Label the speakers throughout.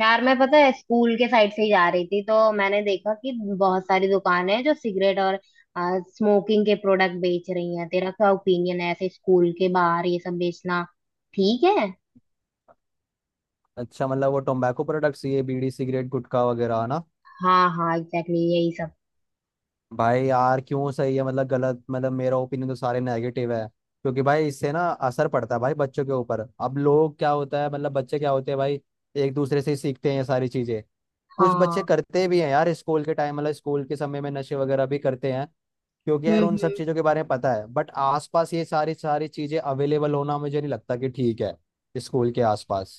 Speaker 1: यार मैं पता है स्कूल के साइड से ही जा रही थी तो मैंने देखा कि बहुत सारी दुकानें हैं जो सिगरेट और स्मोकिंग के प्रोडक्ट बेच रही हैं। तेरा क्या ओपिनियन है ऐसे स्कूल के बाहर ये सब बेचना ठीक है?
Speaker 2: अच्छा मतलब वो टोबैको प्रोडक्ट्स ये बीड़ी सिगरेट गुटखा वगैरह है ना।
Speaker 1: हाँ हाँ, एग्जैक्टली यही सब।
Speaker 2: भाई यार क्यों सही है मतलब गलत मतलब मेरा ओपिनियन तो सारे नेगेटिव है क्योंकि भाई इससे ना असर पड़ता है भाई बच्चों के ऊपर। अब लोग क्या होता है मतलब बच्चे क्या होते हैं भाई, एक दूसरे से ही सीखते हैं ये सारी चीजें। कुछ बच्चे
Speaker 1: हाँ।
Speaker 2: करते भी हैं यार स्कूल के टाइम मतलब स्कूल के समय में नशे वगैरह भी करते हैं क्योंकि यार उन सब
Speaker 1: हम्म।
Speaker 2: चीजों के बारे में पता है। बट आसपास ये सारी सारी चीजें अवेलेबल होना मुझे नहीं लगता कि ठीक है स्कूल के आसपास।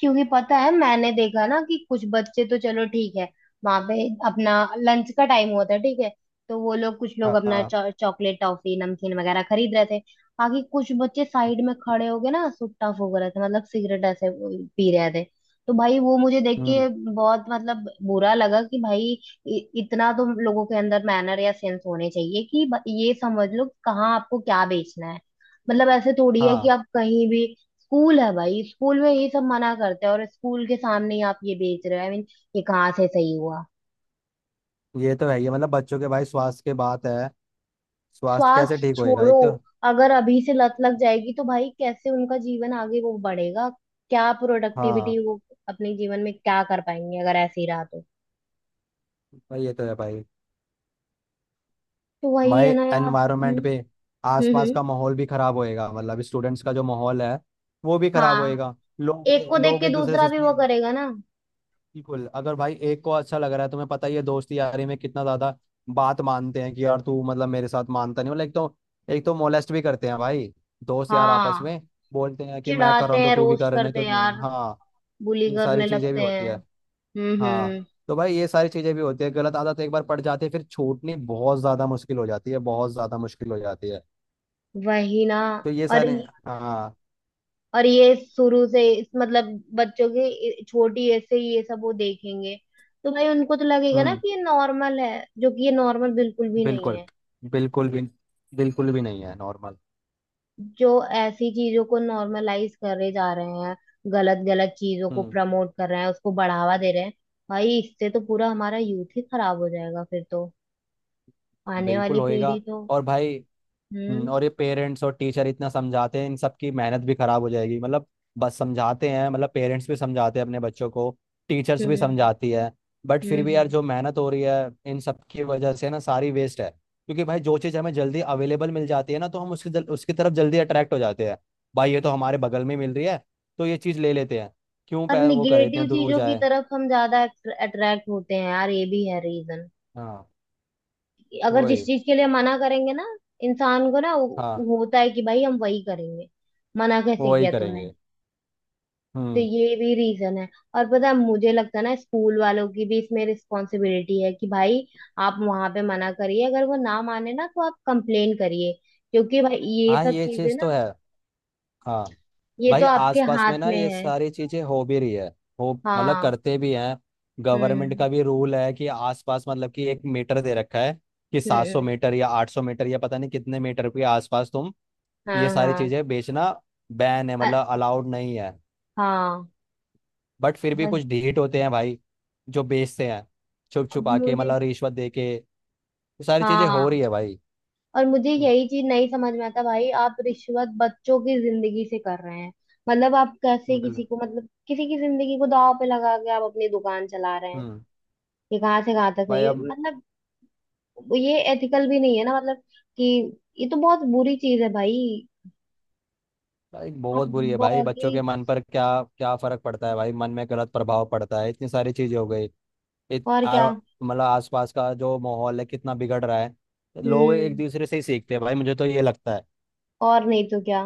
Speaker 1: क्योंकि पता है मैंने देखा ना कि कुछ बच्चे तो चलो ठीक है, वहां पे अपना लंच का टाइम हुआ था ठीक है, तो वो लोग कुछ लोग
Speaker 2: हाँ
Speaker 1: अपना
Speaker 2: हाँ,
Speaker 1: चॉकलेट टॉफी नमकीन वगैरह खरीद रहे थे। बाकी कुछ बच्चे साइड में खड़े हो गए ना, सुट्टा फूक रहे थे मतलब सिगरेट ऐसे पी रहे थे। तो भाई वो मुझे देख के
Speaker 2: हम्म,
Speaker 1: बहुत मतलब बुरा लगा कि भाई इतना तो लोगों के अंदर मैनर या सेंस होने चाहिए कि ये समझ लो कहाँ आपको क्या बेचना है। मतलब ऐसे थोड़ी है कि
Speaker 2: हाँ,
Speaker 1: आप कहीं भी, स्कूल है भाई, स्कूल में ये सब मना करते हैं और स्कूल के सामने ही आप ये बेच रहे हो। आई मीन ये कहाँ से सही हुआ?
Speaker 2: ये तो है, ये मतलब बच्चों के भाई स्वास्थ्य के बात है। स्वास्थ्य
Speaker 1: श्वास
Speaker 2: कैसे ठीक होएगा
Speaker 1: छोड़ो।
Speaker 2: एक तो।
Speaker 1: अगर अभी से लत लग जाएगी तो भाई कैसे उनका जीवन आगे वो बढ़ेगा, क्या प्रोडक्टिविटी
Speaker 2: हाँ,
Speaker 1: वो अपने जीवन में क्या कर पाएंगे अगर ऐसे ही रहा तो।
Speaker 2: भाई ये तो है भाई।
Speaker 1: तो वही
Speaker 2: भाई
Speaker 1: है ना यार।
Speaker 2: एनवायरनमेंट पे
Speaker 1: हम्म।
Speaker 2: आसपास
Speaker 1: हम्म।
Speaker 2: का माहौल भी खराब होएगा मतलब स्टूडेंट्स का जो माहौल है वो भी खराब
Speaker 1: हाँ।
Speaker 2: होएगा। लोग
Speaker 1: एक को देख
Speaker 2: लोग
Speaker 1: के
Speaker 2: एक दूसरे
Speaker 1: दूसरा
Speaker 2: से
Speaker 1: भी वो करेगा ना।
Speaker 2: बिल्कुल, अगर भाई एक को अच्छा लग रहा है तुम्हें पता ही है दोस्ती यारी में कितना ज्यादा बात मानते हैं कि यार तू मतलब मेरे साथ मानता नहीं, मतलब एक तो मोलेस्ट भी करते हैं भाई दोस्त यार आपस
Speaker 1: हाँ,
Speaker 2: में, बोलते हैं कि मैं कर रहा
Speaker 1: चिढ़ाते
Speaker 2: हूँ तो
Speaker 1: हैं
Speaker 2: तू भी
Speaker 1: रोस्ट
Speaker 2: कर नहीं
Speaker 1: करते हैं
Speaker 2: तो,
Speaker 1: यार,
Speaker 2: हाँ
Speaker 1: बुली
Speaker 2: ये सारी
Speaker 1: करने
Speaker 2: चीजें भी
Speaker 1: लगते
Speaker 2: होती है।
Speaker 1: हैं।
Speaker 2: हाँ,
Speaker 1: हम्म।
Speaker 2: तो भाई ये सारी चीजें भी होती है, गलत आदत एक बार पड़ जाती है फिर छूटनी बहुत ज्यादा मुश्किल हो जाती है बहुत ज्यादा मुश्किल हो जाती है।
Speaker 1: वही ना।
Speaker 2: तो ये
Speaker 1: और
Speaker 2: सारे, हाँ,
Speaker 1: और ये शुरू से इस मतलब बच्चों के छोटी एज से ये सब वो देखेंगे, तो भाई उनको तो लगेगा ना
Speaker 2: हम्म,
Speaker 1: कि ये नॉर्मल है, जो कि ये नॉर्मल बिल्कुल भी नहीं
Speaker 2: बिल्कुल,
Speaker 1: है।
Speaker 2: बिल्कुल भी, बिल्कुल भी नहीं है नॉर्मल।
Speaker 1: जो ऐसी चीजों को नॉर्मलाइज करे जा रहे हैं, गलत गलत चीजों को
Speaker 2: हम्म,
Speaker 1: प्रमोट कर रहे हैं, उसको बढ़ावा दे रहे हैं। भाई इससे तो पूरा हमारा यूथ ही खराब हो जाएगा फिर तो, आने
Speaker 2: बिल्कुल
Speaker 1: वाली
Speaker 2: होएगा।
Speaker 1: पीढ़ी तो।
Speaker 2: और भाई,
Speaker 1: हम्म
Speaker 2: और ये पेरेंट्स और टीचर इतना समझाते हैं इन सबकी मेहनत भी खराब हो जाएगी मतलब। बस समझाते हैं मतलब पेरेंट्स भी समझाते हैं अपने बच्चों को। टीचर्स भी
Speaker 1: हम्म।
Speaker 2: समझाती है। बट फिर
Speaker 1: हम्म
Speaker 2: भी यार
Speaker 1: हम्म।
Speaker 2: जो मेहनत हो रही है इन सब की वजह से ना सारी वेस्ट है क्योंकि भाई जो चीज़ हमें जल्दी अवेलेबल मिल जाती है ना तो हम उसकी तरफ जल्दी अट्रैक्ट हो जाते हैं। भाई ये तो हमारे बगल में मिल रही है तो ये चीज़ ले लेते हैं। क्यों
Speaker 1: और
Speaker 2: वो करे
Speaker 1: निगेटिव
Speaker 2: इतने दूर
Speaker 1: चीजों की
Speaker 2: जाए।
Speaker 1: तरफ हम ज्यादा अट्रैक्ट होते हैं यार, ये भी है रीजन।
Speaker 2: हाँ,
Speaker 1: अगर जिस
Speaker 2: वही,
Speaker 1: चीज के लिए मना करेंगे ना, इंसान को ना
Speaker 2: हाँ,
Speaker 1: होता है कि भाई हम वही करेंगे। मना कैसे
Speaker 2: वही
Speaker 1: किया तूने।
Speaker 2: करेंगे,
Speaker 1: तो
Speaker 2: हम्म,
Speaker 1: ये भी रीजन है। और पता है मुझे लगता है ना स्कूल वालों की भी इसमें रिस्पॉन्सिबिलिटी है कि भाई आप वहां पे मना करिए, अगर वो ना माने ना तो आप कंप्लेन करिए। क्योंकि भाई ये
Speaker 2: हाँ,
Speaker 1: सब
Speaker 2: ये
Speaker 1: चीजें
Speaker 2: चीज़ तो
Speaker 1: ना,
Speaker 2: है, हाँ,
Speaker 1: ये
Speaker 2: भाई
Speaker 1: तो आपके
Speaker 2: आसपास
Speaker 1: हाथ
Speaker 2: में ना
Speaker 1: में
Speaker 2: ये
Speaker 1: है।
Speaker 2: सारी चीजें हो भी रही है। हो मतलब
Speaker 1: हाँ।
Speaker 2: करते भी हैं। गवर्नमेंट
Speaker 1: हम्म
Speaker 2: का भी रूल है कि आसपास मतलब कि एक मीटर दे रखा है कि 700
Speaker 1: हम्म।
Speaker 2: मीटर या 800 मीटर या पता नहीं कितने मीटर के आसपास तुम ये
Speaker 1: हाँ
Speaker 2: सारी
Speaker 1: हाँ।
Speaker 2: चीजें बेचना बैन है
Speaker 1: अ-
Speaker 2: मतलब अलाउड नहीं है।
Speaker 1: हाँ।
Speaker 2: बट फिर भी
Speaker 1: वही।
Speaker 2: कुछ ढीठ होते हैं भाई जो बेचते हैं छुप
Speaker 1: अब
Speaker 2: छुपा के,
Speaker 1: मुझे।
Speaker 2: मतलब रिश्वत दे के ये सारी चीजें हो
Speaker 1: हाँ।
Speaker 2: रही है भाई।
Speaker 1: और मुझे
Speaker 2: हम्म,
Speaker 1: यही चीज नहीं समझ में आता भाई, आप रिश्वत बच्चों की जिंदगी से कर रहे हैं। मतलब आप कैसे
Speaker 2: बिल्कुल।
Speaker 1: किसी को, मतलब किसी की जिंदगी को दांव पे लगा के आप अपनी दुकान चला रहे हैं।
Speaker 2: हम्म,
Speaker 1: ये कहाँ से कहाँ तक है
Speaker 2: भाई
Speaker 1: ये।
Speaker 2: अब,
Speaker 1: हम्म। मतलब ये एथिकल भी नहीं है ना मतलब कि, ये तो बहुत बुरी चीज है भाई।
Speaker 2: भाई
Speaker 1: आप,
Speaker 2: बहुत बुरी है भाई,
Speaker 1: बाकी,
Speaker 2: बच्चों के मन पर क्या क्या फर्क पड़ता है भाई, मन में गलत प्रभाव पड़ता है, इतनी सारी चीजें हो गई। इत
Speaker 1: और क्या।
Speaker 2: आरो- मतलब आसपास का जो माहौल है कितना बिगड़ रहा है। लोग एक
Speaker 1: हम्म।
Speaker 2: दूसरे से ही सीखते हैं भाई मुझे तो ये लगता है।
Speaker 1: और नहीं तो क्या।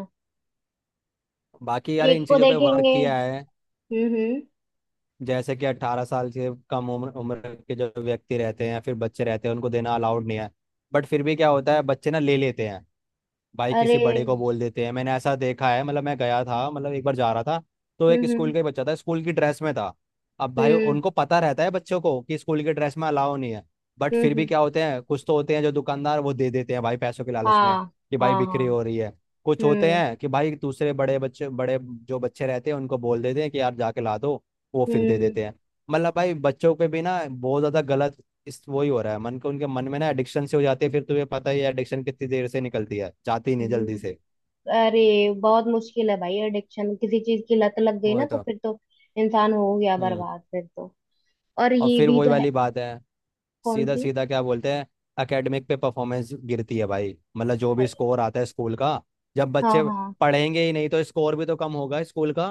Speaker 2: बाकी यार
Speaker 1: एक
Speaker 2: इन
Speaker 1: को
Speaker 2: चीजों पे वर्क
Speaker 1: देखेंगे।
Speaker 2: किया है,
Speaker 1: हम्म।
Speaker 2: जैसे कि 18 साल से कम उम्र उम्र के जो व्यक्ति रहते हैं या फिर बच्चे रहते हैं उनको देना अलाउड नहीं है। बट फिर भी क्या होता है बच्चे ना ले लेते हैं भाई,
Speaker 1: अरे।
Speaker 2: किसी बड़े को बोल देते हैं। मैंने ऐसा देखा है, मतलब मैं गया था, मतलब एक बार जा रहा था तो एक स्कूल
Speaker 1: हम्म।
Speaker 2: का ही बच्चा था, स्कूल की ड्रेस में था। अब भाई
Speaker 1: हम्म
Speaker 2: उनको पता रहता है बच्चों को कि स्कूल की ड्रेस में अलाउ नहीं है। बट
Speaker 1: हम्म।
Speaker 2: फिर भी क्या होते हैं, कुछ तो होते हैं जो दुकानदार वो दे देते हैं भाई पैसों के लालच में,
Speaker 1: हाँ
Speaker 2: कि भाई
Speaker 1: हाँ।
Speaker 2: बिक्री
Speaker 1: हाँ।
Speaker 2: हो रही है। कुछ होते
Speaker 1: हम्म
Speaker 2: हैं कि भाई दूसरे बड़े बच्चे, बड़े जो बच्चे रहते हैं उनको बोल देते हैं कि यार जाके ला दो। वो फिर दे
Speaker 1: हम्म।
Speaker 2: देते हैं। मतलब भाई बच्चों पे भी ना बहुत ज्यादा गलत इस वही हो रहा है मन को, उनके मन में ना एडिक्शन से हो जाती है, फिर तुम्हें पता ही है एडिक्शन कितनी देर से निकलती है, जाती ही नहीं जल्दी से।
Speaker 1: वो- अरे बहुत मुश्किल है भाई, एडिक्शन किसी चीज की लत लग गई ना
Speaker 2: वही
Speaker 1: तो
Speaker 2: तो,
Speaker 1: फिर तो इंसान हो गया
Speaker 2: हम्म,
Speaker 1: बर्बाद फिर तो। और
Speaker 2: और
Speaker 1: ये
Speaker 2: फिर
Speaker 1: भी
Speaker 2: वही
Speaker 1: तो है।
Speaker 2: वाली बात है,
Speaker 1: कौन
Speaker 2: सीधा
Speaker 1: सी?
Speaker 2: सीधा क्या बोलते हैं, एकेडमिक पे परफॉर्मेंस गिरती है भाई, मतलब जो भी स्कोर आता है स्कूल का, जब
Speaker 1: हाँ
Speaker 2: बच्चे
Speaker 1: हाँ।
Speaker 2: पढ़ेंगे ही नहीं तो स्कोर भी तो कम होगा स्कूल का।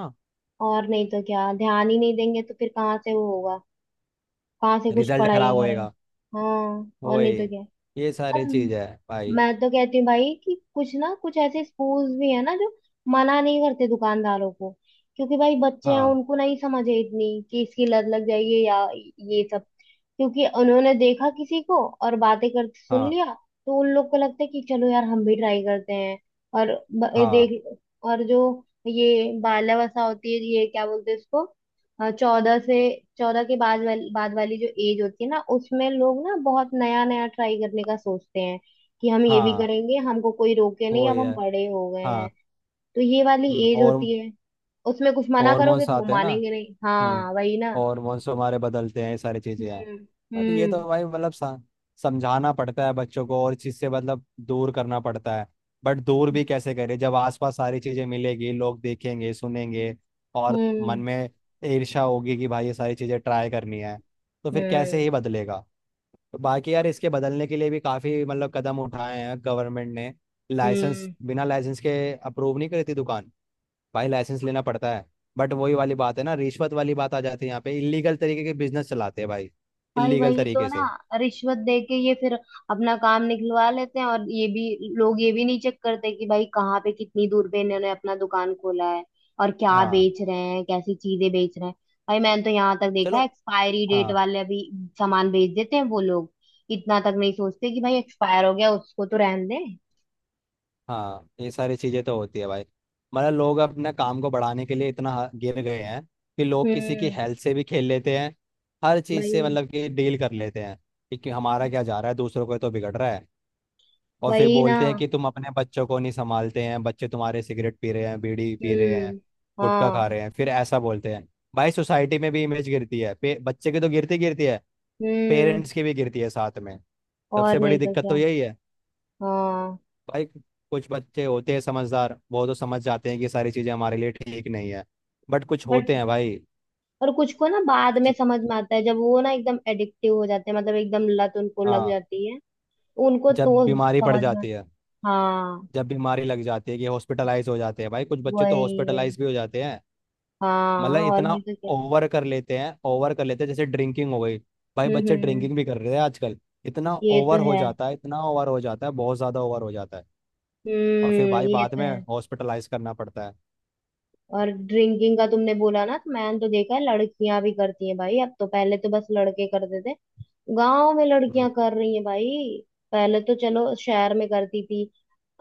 Speaker 1: और नहीं तो क्या, ध्यान ही नहीं देंगे तो फिर कहाँ से वो होगा, कहाँ से कुछ
Speaker 2: रिजल्ट
Speaker 1: पढ़ाई
Speaker 2: खराब
Speaker 1: करेंगे।
Speaker 2: होएगा।
Speaker 1: हाँ और नहीं
Speaker 2: वही,
Speaker 1: तो क्या।
Speaker 2: ये
Speaker 1: और
Speaker 2: सारी चीज है भाई।
Speaker 1: मैं तो कहती हूँ भाई कि कुछ ना कुछ ऐसे स्कूल्स भी है ना जो मना नहीं करते दुकानदारों को, क्योंकि भाई बच्चे हैं,
Speaker 2: हाँ
Speaker 1: उनको नहीं समझ है इतनी कि इसकी लत लग जाएगी या ये सब, क्योंकि उन्होंने देखा किसी को और बातें करते सुन
Speaker 2: हाँ
Speaker 1: लिया, तो उन लोग को लगता है कि चलो यार हम भी ट्राई करते हैं। और ये
Speaker 2: हाँ
Speaker 1: देख। और जो ये बाल्यावस्था होती है ये क्या बोलते हैं इसको, 14 से, 14 के बाद वाली जो एज होती है ना उसमें लोग ना बहुत नया नया ट्राई करने का सोचते हैं कि हम ये भी
Speaker 2: हाँ,
Speaker 1: करेंगे, हमको कोई रोके नहीं, अब
Speaker 2: वही है,
Speaker 1: हम बड़े हो गए हैं।
Speaker 2: हाँ,
Speaker 1: तो ये वाली एज
Speaker 2: और
Speaker 1: होती है, उसमें कुछ मना करोगे
Speaker 2: हॉर्मोन्स
Speaker 1: तो वो
Speaker 2: आते हैं ना।
Speaker 1: मानेंगे नहीं।
Speaker 2: हम्म,
Speaker 1: हाँ वही ना।
Speaker 2: हॉर्मोन्स हमारे बदलते हैं, ये सारी चीजें हैं।
Speaker 1: हम्म
Speaker 2: बट ये तो
Speaker 1: हम्म।
Speaker 2: भाई मतलब समझाना पड़ता है बच्चों को और इस चीज से मतलब दूर करना पड़ता है। बट दूर भी कैसे करें जब आसपास सारी चीजें मिलेगी, लोग देखेंगे, सुनेंगे और मन
Speaker 1: हम्म
Speaker 2: में ईर्ष्या होगी कि भाई ये सारी चीजें ट्राई करनी है। तो फिर कैसे
Speaker 1: हम्म।
Speaker 2: ही बदलेगा। तो बाकी यार इसके बदलने के लिए भी काफी मतलब कदम उठाए हैं गवर्नमेंट ने, लाइसेंस
Speaker 1: हम्म।
Speaker 2: बिना लाइसेंस के अप्रूव नहीं करी थी दुकान। भाई लाइसेंस लेना पड़ता है। बट वही वाली बात है ना, रिश्वत वाली बात आ जाती है यहाँ पे, इलीगल तरीके के बिजनेस चलाते हैं भाई
Speaker 1: भाई
Speaker 2: इलीगल
Speaker 1: वही तो
Speaker 2: तरीके
Speaker 1: ना,
Speaker 2: से।
Speaker 1: रिश्वत दे के ये फिर अपना काम निकलवा लेते हैं, और ये भी लोग ये भी नहीं चेक करते कि भाई कहाँ पे कितनी दूर पे इन्होंने अपना दुकान खोला है और क्या
Speaker 2: हाँ,
Speaker 1: बेच रहे हैं, कैसी चीजें बेच रहे हैं। भाई मैंने तो यहाँ तक देखा है,
Speaker 2: चलो,
Speaker 1: एक्सपायरी डेट
Speaker 2: हाँ
Speaker 1: वाले भी सामान बेच देते हैं वो लोग, इतना तक नहीं सोचते कि भाई एक्सपायर हो गया उसको तो रहने दें।
Speaker 2: हाँ, ये सारी चीजें तो होती है भाई। मतलब लोग अपने काम को बढ़ाने के लिए इतना गिर गए हैं कि लोग किसी की
Speaker 1: हम्म।
Speaker 2: हेल्थ से भी खेल लेते हैं। हर चीज
Speaker 1: वही
Speaker 2: से
Speaker 1: ना।
Speaker 2: मतलब कि डील कर लेते हैं, कि हमारा क्या जा रहा है, दूसरों को तो बिगड़ रहा है। और फिर
Speaker 1: वही ना।
Speaker 2: बोलते हैं कि तुम अपने बच्चों को नहीं संभालते हैं, बच्चे तुम्हारे सिगरेट पी रहे हैं, बीड़ी पी रहे हैं,
Speaker 1: हम्म।
Speaker 2: गुटखा खा
Speaker 1: हाँ।
Speaker 2: रहे हैं, फिर ऐसा बोलते हैं। भाई सोसाइटी में भी इमेज गिरती है बच्चे की तो गिरती गिरती है,
Speaker 1: हम्म।
Speaker 2: पेरेंट्स की भी गिरती है साथ में। सबसे
Speaker 1: और
Speaker 2: बड़ी
Speaker 1: नहीं तो
Speaker 2: दिक्कत
Speaker 1: क्या।
Speaker 2: तो यही है
Speaker 1: हाँ।
Speaker 2: भाई। कुछ बच्चे होते हैं समझदार, वो तो समझ जाते हैं कि सारी चीज़ें हमारे लिए ठीक नहीं है, बट कुछ
Speaker 1: बट,
Speaker 2: होते हैं भाई
Speaker 1: और कुछ को ना बाद में
Speaker 2: जि-
Speaker 1: समझ में आता है, जब वो ना एकदम एडिक्टिव हो जाते हैं, मतलब एकदम लत उनको लग
Speaker 2: हाँ,
Speaker 1: जाती है, उनको
Speaker 2: जब
Speaker 1: तो
Speaker 2: बीमारी पड़
Speaker 1: समझ में।
Speaker 2: जाती है,
Speaker 1: हाँ।
Speaker 2: जब बीमारी लग जाती है कि हॉस्पिटलाइज हो जाते हैं, भाई कुछ बच्चे तो
Speaker 1: वही वही।
Speaker 2: हॉस्पिटलाइज भी हो जाते हैं।
Speaker 1: हाँ
Speaker 2: मतलब
Speaker 1: और
Speaker 2: इतना
Speaker 1: नहीं तो क्या।
Speaker 2: ओवर कर लेते हैं, ओवर कर लेते हैं, जैसे ड्रिंकिंग हो गई, भाई बच्चे
Speaker 1: हम्म।
Speaker 2: ड्रिंकिंग भी कर रहे हैं आजकल, इतना
Speaker 1: ये तो
Speaker 2: ओवर हो
Speaker 1: है।
Speaker 2: जाता है, इतना ओवर हो जाता है, बहुत ज्यादा ओवर हो जाता है। और फिर
Speaker 1: हम्म।
Speaker 2: भाई
Speaker 1: ये
Speaker 2: बाद
Speaker 1: तो
Speaker 2: में
Speaker 1: है।
Speaker 2: हॉस्पिटलाइज करना पड़ता है।
Speaker 1: और ड्रिंकिंग का तुमने बोला ना तो मैंने तो देखा है लड़कियां भी करती हैं भाई, अब तो पहले तो बस लड़के करते थे। गांव में लड़कियां
Speaker 2: हम्म,
Speaker 1: कर रही हैं भाई, पहले तो चलो शहर में करती थी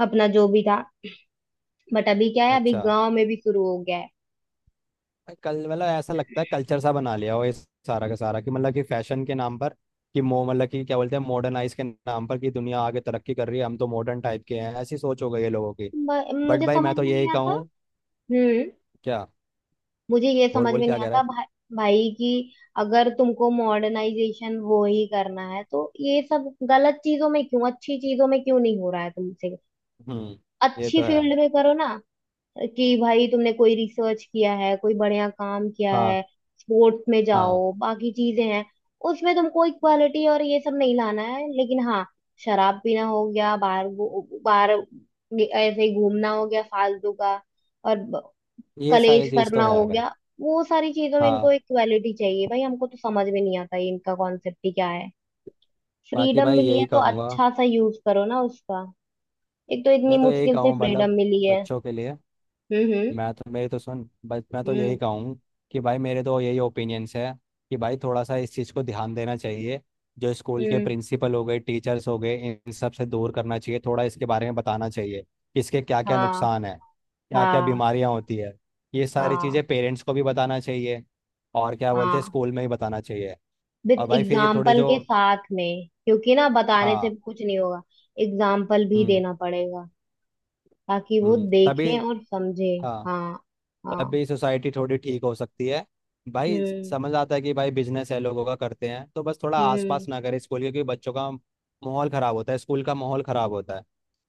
Speaker 1: अपना जो भी था। बट अभी क्या है अभी
Speaker 2: अच्छा,
Speaker 1: गांव में भी शुरू हो गया है।
Speaker 2: भाई कल मतलब ऐसा लगता है कल्चर सा बना लिया हो इस सारा का सारा, कि मतलब कि फैशन के नाम पर, कि मो मतलब कि क्या बोलते हैं मॉडर्नाइज के नाम पर कि दुनिया आगे तरक्की कर रही है, हम तो मॉडर्न टाइप के हैं, ऐसी सोच हो गई है लोगों की।
Speaker 1: ब-
Speaker 2: बट
Speaker 1: मुझे
Speaker 2: भाई मैं
Speaker 1: समझ
Speaker 2: तो
Speaker 1: में
Speaker 2: यही
Speaker 1: नहीं आता।
Speaker 2: कहूँ,
Speaker 1: हम्म।
Speaker 2: क्या,
Speaker 1: मुझे ये
Speaker 2: बोल
Speaker 1: समझ
Speaker 2: बोल
Speaker 1: में
Speaker 2: क्या
Speaker 1: नहीं
Speaker 2: कह रहा
Speaker 1: आता
Speaker 2: है।
Speaker 1: भाई, भाई कि अगर तुमको मॉडर्नाइजेशन वो ही करना है तो ये सब गलत चीजों में क्यों, अच्छी चीजों में क्यों नहीं हो रहा है तुमसे?
Speaker 2: हम्म, ये
Speaker 1: अच्छी
Speaker 2: तो है।
Speaker 1: फील्ड में करो ना, कि भाई तुमने कोई रिसर्च किया है, कोई बढ़िया काम किया
Speaker 2: हाँ
Speaker 1: है, स्पोर्ट्स में
Speaker 2: हाँ,
Speaker 1: जाओ, बाकी चीजें हैं। उसमें तुमको इक्वालिटी और ये सब नहीं लाना है, लेकिन हाँ शराब पीना हो गया, बाहर ऐसे ही घूमना हो गया फालतू का, और
Speaker 2: ये
Speaker 1: कलेश
Speaker 2: सारी चीज़ तो
Speaker 1: करना हो
Speaker 2: है भाई।
Speaker 1: गया, वो सारी चीजों में इनको
Speaker 2: हाँ,
Speaker 1: इक्वालिटी चाहिए भाई। हमको तो समझ में नहीं आता ये इनका कॉन्सेप्ट ही क्या है।
Speaker 2: बाकी
Speaker 1: फ्रीडम
Speaker 2: भाई
Speaker 1: मिली है
Speaker 2: यही
Speaker 1: तो
Speaker 2: कहूँगा,
Speaker 1: अच्छा सा यूज करो ना उसका। एक तो इतनी
Speaker 2: मैं तो यही
Speaker 1: मुश्किल से
Speaker 2: कहूँ
Speaker 1: फ्रीडम
Speaker 2: मतलब
Speaker 1: मिली है।
Speaker 2: बच्चों के लिए।
Speaker 1: हम्म।
Speaker 2: मैं तो मेरी तो सुन, बस मैं तो यही
Speaker 1: हम्म
Speaker 2: कहूँ कि भाई मेरे तो यही ओपिनियंस है कि भाई थोड़ा सा इस चीज़ को ध्यान देना चाहिए। जो स्कूल के
Speaker 1: हम्म,
Speaker 2: प्रिंसिपल हो गए, टीचर्स हो गए, इन सब से दूर करना चाहिए, थोड़ा इसके बारे में बताना चाहिए कि इसके क्या क्या
Speaker 1: हाँ
Speaker 2: नुकसान है, क्या क्या
Speaker 1: हाँ।
Speaker 2: बीमारियाँ होती है। ये सारी
Speaker 1: हाँ
Speaker 2: चीज़ें पेरेंट्स को भी बताना चाहिए, और क्या बोलते हैं,
Speaker 1: हाँ।
Speaker 2: स्कूल में ही बताना चाहिए।
Speaker 1: विद
Speaker 2: और भाई फिर ये थोड़े
Speaker 1: एग्जाम्पल
Speaker 2: जो,
Speaker 1: के साथ में, क्योंकि ना बताने
Speaker 2: हाँ,
Speaker 1: से कुछ नहीं होगा, एग्जाम्पल भी
Speaker 2: हम्म,
Speaker 1: देना पड़ेगा ताकि वो
Speaker 2: हम्म, तभी,
Speaker 1: देखें और समझे।
Speaker 2: हाँ,
Speaker 1: हाँ हाँ।
Speaker 2: तभी सोसाइटी थोड़ी ठीक हो सकती है भाई।
Speaker 1: हम्म
Speaker 2: समझ आता है कि भाई बिजनेस है लोगों का, करते हैं तो बस थोड़ा
Speaker 1: हम्म।
Speaker 2: आसपास ना करें स्कूल के, क्योंकि बच्चों का माहौल खराब होता है, स्कूल का माहौल खराब होता है।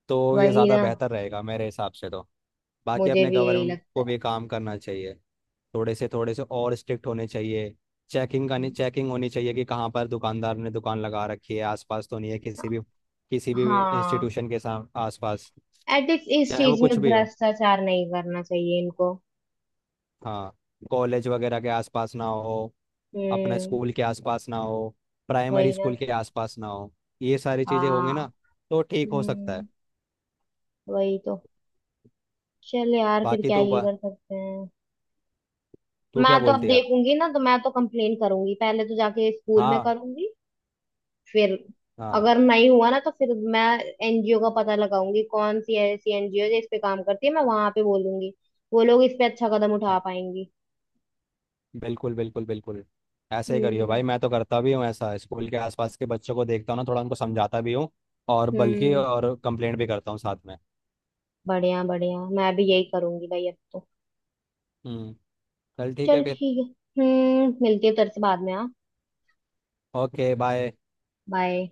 Speaker 2: तो ये
Speaker 1: वही
Speaker 2: ज़्यादा
Speaker 1: ना।
Speaker 2: बेहतर रहेगा मेरे हिसाब से तो। बाकी
Speaker 1: मुझे
Speaker 2: अपने
Speaker 1: भी यही
Speaker 2: गवर्नमेंट
Speaker 1: लगता
Speaker 2: को
Speaker 1: है।
Speaker 2: भी काम करना चाहिए, थोड़े से और स्ट्रिक्ट होने चाहिए। चेकिंग होनी चाहिए कि कहाँ पर दुकानदार ने दुकान लगा रखी है, आसपास तो नहीं है किसी भी
Speaker 1: हाँ,
Speaker 2: इंस्टीट्यूशन के साम आसपास,
Speaker 1: एथिक्स इस
Speaker 2: चाहे वो
Speaker 1: चीज
Speaker 2: कुछ
Speaker 1: में
Speaker 2: भी हो।
Speaker 1: भ्रष्टाचार नहीं करना चाहिए इनको।
Speaker 2: हाँ, कॉलेज वगैरह के आसपास ना हो, अपना
Speaker 1: हम्म।
Speaker 2: स्कूल के आसपास ना हो, प्राइमरी
Speaker 1: वही ना।
Speaker 2: स्कूल के आसपास ना हो, ये सारी चीज़ें होंगी
Speaker 1: हाँ।
Speaker 2: ना तो ठीक हो सकता है।
Speaker 1: हम्म। वही तो। चल यार फिर
Speaker 2: बाकी
Speaker 1: क्या
Speaker 2: तू
Speaker 1: ही कर सकते हैं।
Speaker 2: तू क्या
Speaker 1: मैं तो अब
Speaker 2: बोलती है।
Speaker 1: देखूंगी ना तो मैं तो कंप्लेन करूंगी, पहले तो जाके स्कूल में
Speaker 2: हाँ
Speaker 1: करूंगी, फिर
Speaker 2: हाँ
Speaker 1: अगर नहीं हुआ ना तो फिर मैं एनजीओ का पता लगाऊंगी, कौन सी ऐसी एनजीओ है जो इस पे काम करती है, मैं वहां पे बोलूंगी, वो लोग इस पे अच्छा कदम उठा
Speaker 2: हाँ,
Speaker 1: पाएंगी।
Speaker 2: बिल्कुल बिल्कुल बिल्कुल, ऐसे ही करियो
Speaker 1: हम्म
Speaker 2: भाई, मैं तो करता भी हूँ ऐसा, स्कूल के आसपास के बच्चों को देखता हूँ ना थोड़ा, उनको समझाता भी हूँ और बल्कि
Speaker 1: हम्म।
Speaker 2: और कंप्लेंट भी करता हूँ साथ में।
Speaker 1: बढ़िया बढ़िया, मैं भी यही करूंगी भाई अब तो।
Speaker 2: हम्म, चल ठीक
Speaker 1: चल
Speaker 2: है फिर।
Speaker 1: ठीक है। हम्म, मिलती है तेरे से बाद में। हाँ।
Speaker 2: Okay, bye.
Speaker 1: बाय।